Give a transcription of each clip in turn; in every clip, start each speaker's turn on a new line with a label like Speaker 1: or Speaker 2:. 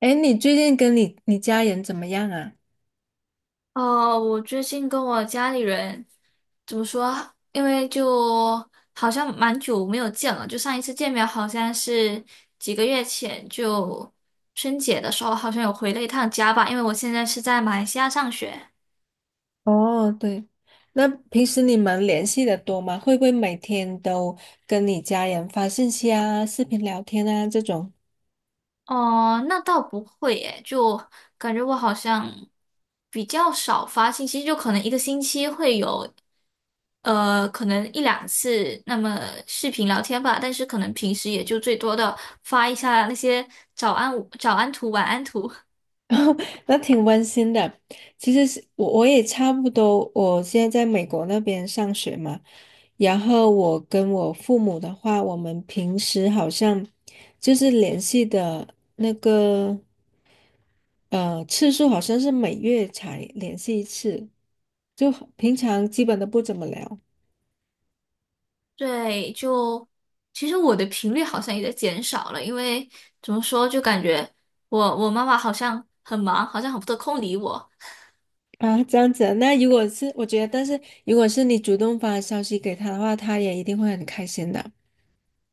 Speaker 1: 哎，你最近跟你家人怎么样啊？
Speaker 2: 哦，我最近跟我家里人怎么说啊因为就好像蛮久没有见了，就上一次见面好像是几个月前，就春节的时候好像有回了一趟家吧。因为我现在是在马来西亚上学。
Speaker 1: 哦，对，那平时你们联系的多吗？会不会每天都跟你家人发信息啊、视频聊天啊这种？
Speaker 2: 哦，那倒不会诶，就感觉我好像比较少发信息，就可能一个星期会有，可能一两次那么视频聊天吧，但是可能平时也就最多的发一下那些早安图、晚安图。
Speaker 1: 那挺温馨的。其实是我也差不多，我现在在美国那边上学嘛，然后我跟我父母的话，我们平时好像就是联系的那个。次数好像是每月才联系一次，就平常基本都不怎么聊
Speaker 2: 对，就其实我的频率好像也在减少了，因为怎么说，就感觉我妈妈好像很忙，好像很不得空理我。
Speaker 1: 啊，这样子啊那如果是我觉得，但是如果是你主动发消息给他的话，他也一定会很开心的。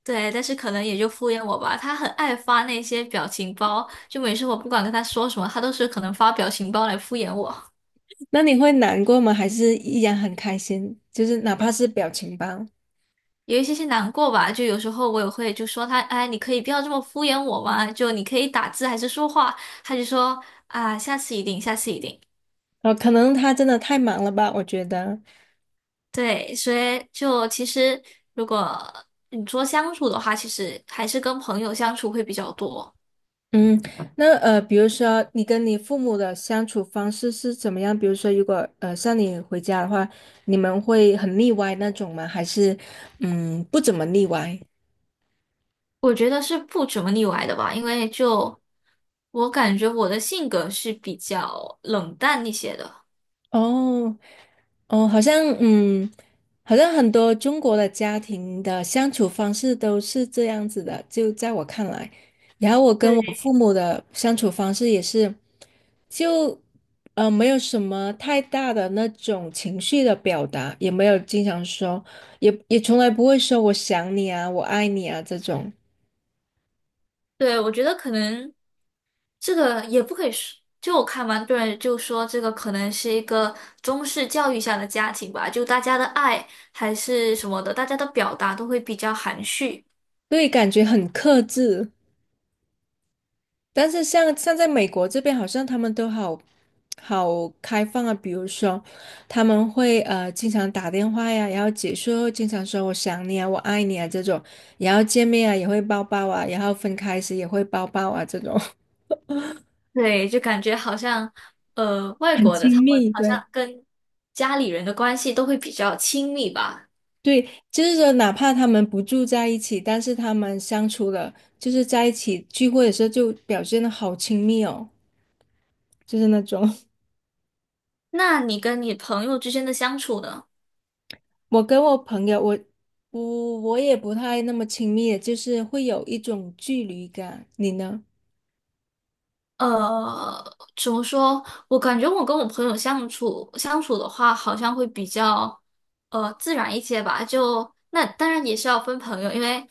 Speaker 2: 对，但是可能也就敷衍我吧。他很爱发那些表情包，就每次我不管跟他说什么，他都是可能发表情包来敷衍我，
Speaker 1: 那你会难过吗？还是依然很开心？就是哪怕是表情包，
Speaker 2: 有一些些难过吧。就有时候我也会就说他，哎，你可以不要这么敷衍我嘛，就你可以打字还是说话，他就说啊，下次一定，下次一定。
Speaker 1: 可能他真的太忙了吧，我觉得。
Speaker 2: 对，所以就其实如果你说相处的话，其实还是跟朋友相处会比较多。
Speaker 1: 嗯，那比如说你跟你父母的相处方式是怎么样？比如说，如果像你回家的话，你们会很腻歪那种吗？还是嗯不怎么腻歪？
Speaker 2: 我觉得是不怎么腻歪的吧，因为就我感觉我的性格是比较冷淡一些的。
Speaker 1: 哦，哦，好像嗯，好像很多中国的家庭的相处方式都是这样子的，就在我看来，然后我跟我
Speaker 2: 对，
Speaker 1: 父母的相处方式也是，就没有什么太大的那种情绪的表达，也没有经常说，也从来不会说我想你啊，我爱你啊这种，
Speaker 2: 对，我觉得可能这个也不可以说，就我看完多人就说这个可能是一个中式教育下的家庭吧，就大家的爱还是什么的，大家的表达都会比较含蓄。
Speaker 1: 对，感觉很克制。但是像在美国这边，好像他们都好开放啊。比如说，他们会经常打电话呀，然后结束后经常说"我想你啊，我爱你啊"这种，然后见面啊也会抱抱啊，然后分开时也会抱抱啊，这种
Speaker 2: 对，就感觉好像外
Speaker 1: 很
Speaker 2: 国的他
Speaker 1: 亲
Speaker 2: 们
Speaker 1: 密。
Speaker 2: 好
Speaker 1: 对
Speaker 2: 像跟家里人的关系都会比较亲密吧。
Speaker 1: 对，就是说哪怕他们不住在一起，但是他们相处了，就是在一起聚会的时候就表现的好亲密哦，就是那种。
Speaker 2: 那你跟你朋友之间的相处呢？
Speaker 1: 我跟我朋友，我不，我也不太那么亲密的，就是会有一种距离感。你呢？
Speaker 2: 呃，怎么说？我感觉我跟我朋友相处相处的话，好像会比较自然一些吧。就那当然也是要分朋友，因为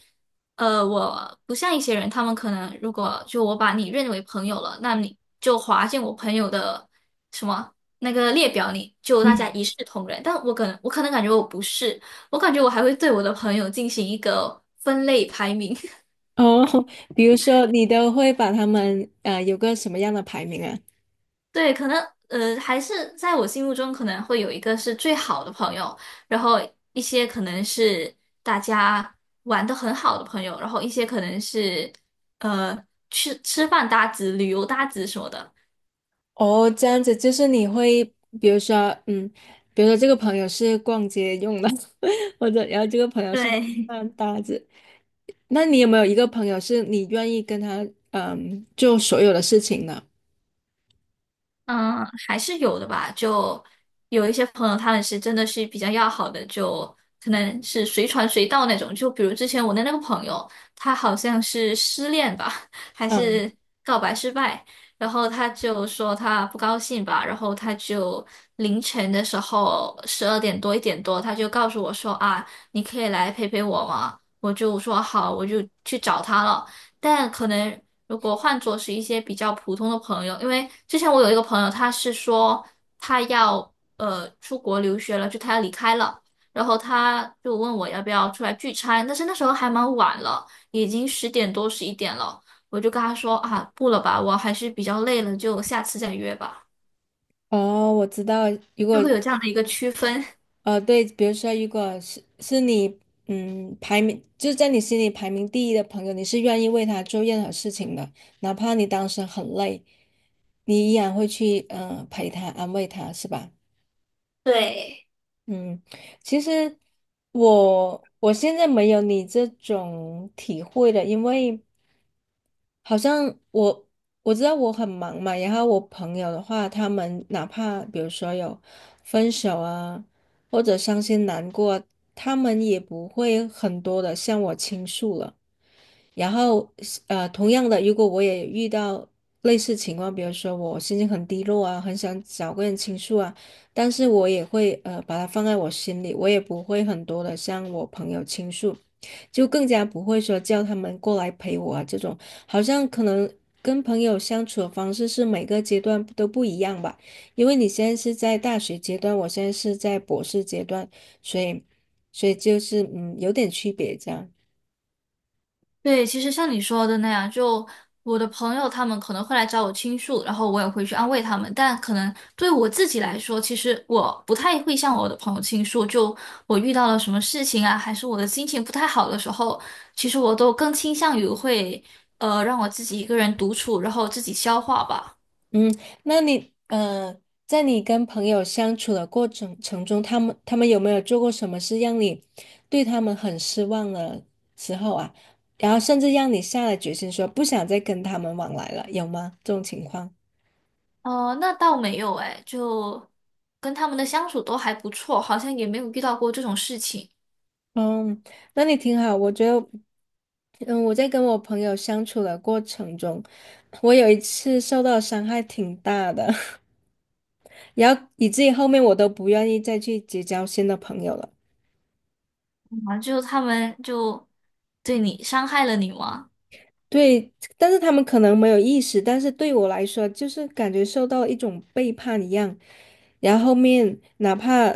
Speaker 2: 我不像一些人，他们可能如果就我把你认为朋友了，那你就划进我朋友的什么那个列表里，就大家
Speaker 1: 嗯，
Speaker 2: 一视同仁。但我可能感觉我不是，我感觉我还会对我的朋友进行一个分类排名。
Speaker 1: 哦，比如说你都会把他们有个什么样的排名啊？
Speaker 2: 对，可能还是在我心目中可能会有一个是最好的朋友，然后一些可能是大家玩的很好的朋友，然后一些可能是吃饭搭子、旅游搭子什么的。
Speaker 1: 哦，这样子就是你会，比如说，嗯，比如说这个朋友是逛街用的，或者然后这个朋友是吃
Speaker 2: 对，
Speaker 1: 饭搭子。那你有没有一个朋友是你愿意跟他做所有的事情的？
Speaker 2: 嗯，还是有的吧。就有一些朋友，他们是真的是比较要好的，就可能是随传随到那种。就比如之前我的那个朋友，他好像是失恋吧，还
Speaker 1: 嗯，
Speaker 2: 是告白失败，然后他就说他不高兴吧，然后他就凌晨的时候12点多1点多，他就告诉我说啊，你可以来陪陪我吗？我就说好，我就去找他了。但可能如果换作是一些比较普通的朋友，因为之前我有一个朋友，他是说他要出国留学了，就他要离开了，然后他就问我要不要出来聚餐，但是那时候还蛮晚了，已经10点多11点了，我就跟他说啊，不了吧，我还是比较累了，就下次再约吧，
Speaker 1: 哦，我知道，如
Speaker 2: 就
Speaker 1: 果
Speaker 2: 会有这样的一个区分。
Speaker 1: 对，比如说，如果是你，嗯，排名就是在你心里排名第一的朋友，你是愿意为他做任何事情的，哪怕你当时很累，你依然会去，嗯，陪他，安慰他，是吧？
Speaker 2: 对。
Speaker 1: 嗯，其实我现在没有你这种体会了，因为。好像我我知道我很忙嘛，然后我朋友的话，他们哪怕比如说有分手啊，或者伤心难过，他们也不会很多的向我倾诉了。然后同样的，如果我也遇到类似情况，比如说我心情很低落啊，很想找个人倾诉啊，但是我也会把它放在我心里，我也不会很多的向我朋友倾诉，就更加不会说叫他们过来陪我啊这种，好像可能。跟朋友相处的方式是每个阶段都不一样吧，因为你现在是在大学阶段，我现在是在博士阶段，所以，所以就是嗯有点区别这样。
Speaker 2: 对，其实像你说的那样，就我的朋友他们可能会来找我倾诉，然后我也会去安慰他们。但可能对我自己来说，其实我不太会向我的朋友倾诉。就我遇到了什么事情啊，还是我的心情不太好的时候，其实我都更倾向于会让我自己一个人独处，然后自己消化吧。
Speaker 1: 嗯，那你在你跟朋友相处的过程中，他们有没有做过什么事让你对他们很失望的时候啊？然后甚至让你下了决心说不想再跟他们往来了，有吗？这种情况？
Speaker 2: 哦，那倒没有哎，就跟他们的相处都还不错，好像也没有遇到过这种事情
Speaker 1: 嗯，那你挺好，我觉得，嗯，我在跟我朋友相处的过程中，我有一次受到伤害挺大的，然后以至于后面我都不愿意再去结交新的朋友了。
Speaker 2: 啊，就他们就对你伤害了你吗？
Speaker 1: 对，但是他们可能没有意识，但是对我来说，就是感觉受到了一种背叛一样。然后后面哪怕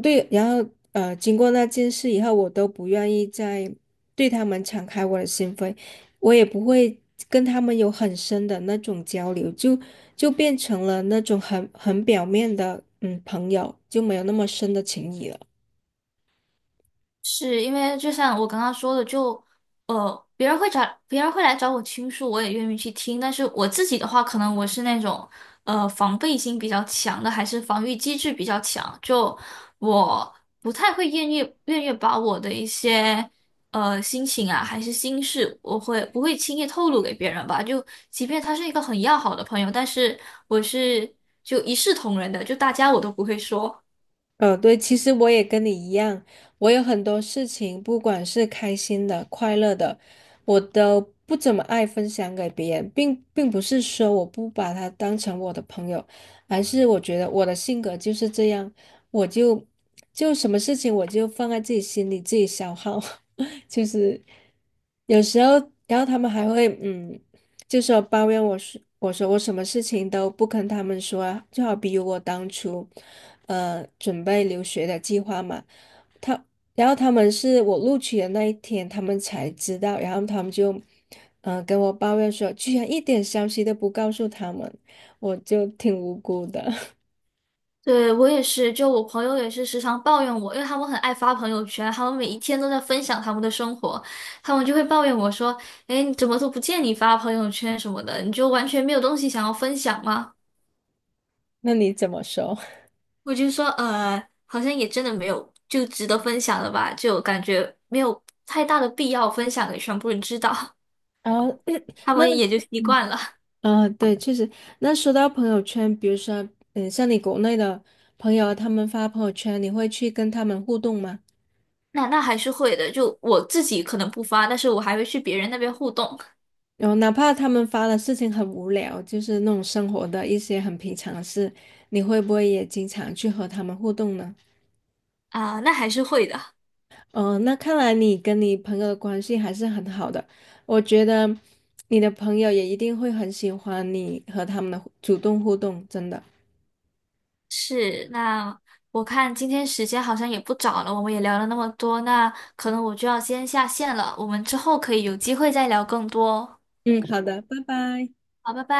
Speaker 1: 对，然后经过那件事以后，我都不愿意再对他们敞开我的心扉，我也不会跟他们有很深的那种交流，就变成了那种很表面的嗯朋友，就没有那么深的情谊了。
Speaker 2: 是因为就像我刚刚说的，就呃，别人会找别人会来找我倾诉，我也愿意去听。但是我自己的话，可能我是那种防备心比较强的，还是防御机制比较强，就我不太会愿意把我的一些心情啊，还是心事，我会不会轻易透露给别人吧？就即便他是一个很要好的朋友，但是我是就一视同仁的，就大家我都不会说。
Speaker 1: 嗯，对，其实我也跟你一样，我有很多事情，不管是开心的、快乐的，我都不怎么爱分享给别人，并不是说我不把他当成我的朋友，而是我觉得我的性格就是这样，我就就什么事情我就放在自己心里，自己消耗，就是有时候，然后他们还会嗯就说抱怨我说，我说我什么事情都不跟他们说啊，就好比如我当初，准备留学的计划嘛，他，然后他们是我录取的那一天，他们才知道，然后他们就，跟我抱怨说，居然一点消息都不告诉他们，我就挺无辜的。
Speaker 2: 对，我也是，就我朋友也是时常抱怨我，因为他们很爱发朋友圈，他们每一天都在分享他们的生活，他们就会抱怨我说：“哎，你怎么都不见你发朋友圈什么的，你就完全没有东西想要分享吗？”
Speaker 1: 那你怎么说？
Speaker 2: 我就说：好像也真的没有，就值得分享了吧，就感觉没有太大的必要分享给全部人知道，
Speaker 1: 然后，
Speaker 2: 他
Speaker 1: 那。
Speaker 2: 们也就习惯了。
Speaker 1: 啊，对，确实。那说到朋友圈，比如说，嗯，像你国内的朋友啊，他们发朋友圈，你会去跟他们互动吗？
Speaker 2: 那还是会的，就我自己可能不发，但是我还会去别人那边互动
Speaker 1: 然后，哪怕他们发的事情很无聊，就是那种生活的一些很平常的事，你会不会也经常去和他们互动呢？
Speaker 2: 啊，那还是会的。”
Speaker 1: 嗯、那看来你跟你朋友的关系还是很好的。我觉得你的朋友也一定会很喜欢你和他们的主动互动，真的。
Speaker 2: 是，那我看今天时间好像也不早了，我们也聊了那么多，那可能我就要先下线了，我们之后可以有机会再聊更多哦。
Speaker 1: 嗯，好的，拜拜。
Speaker 2: 好，拜拜。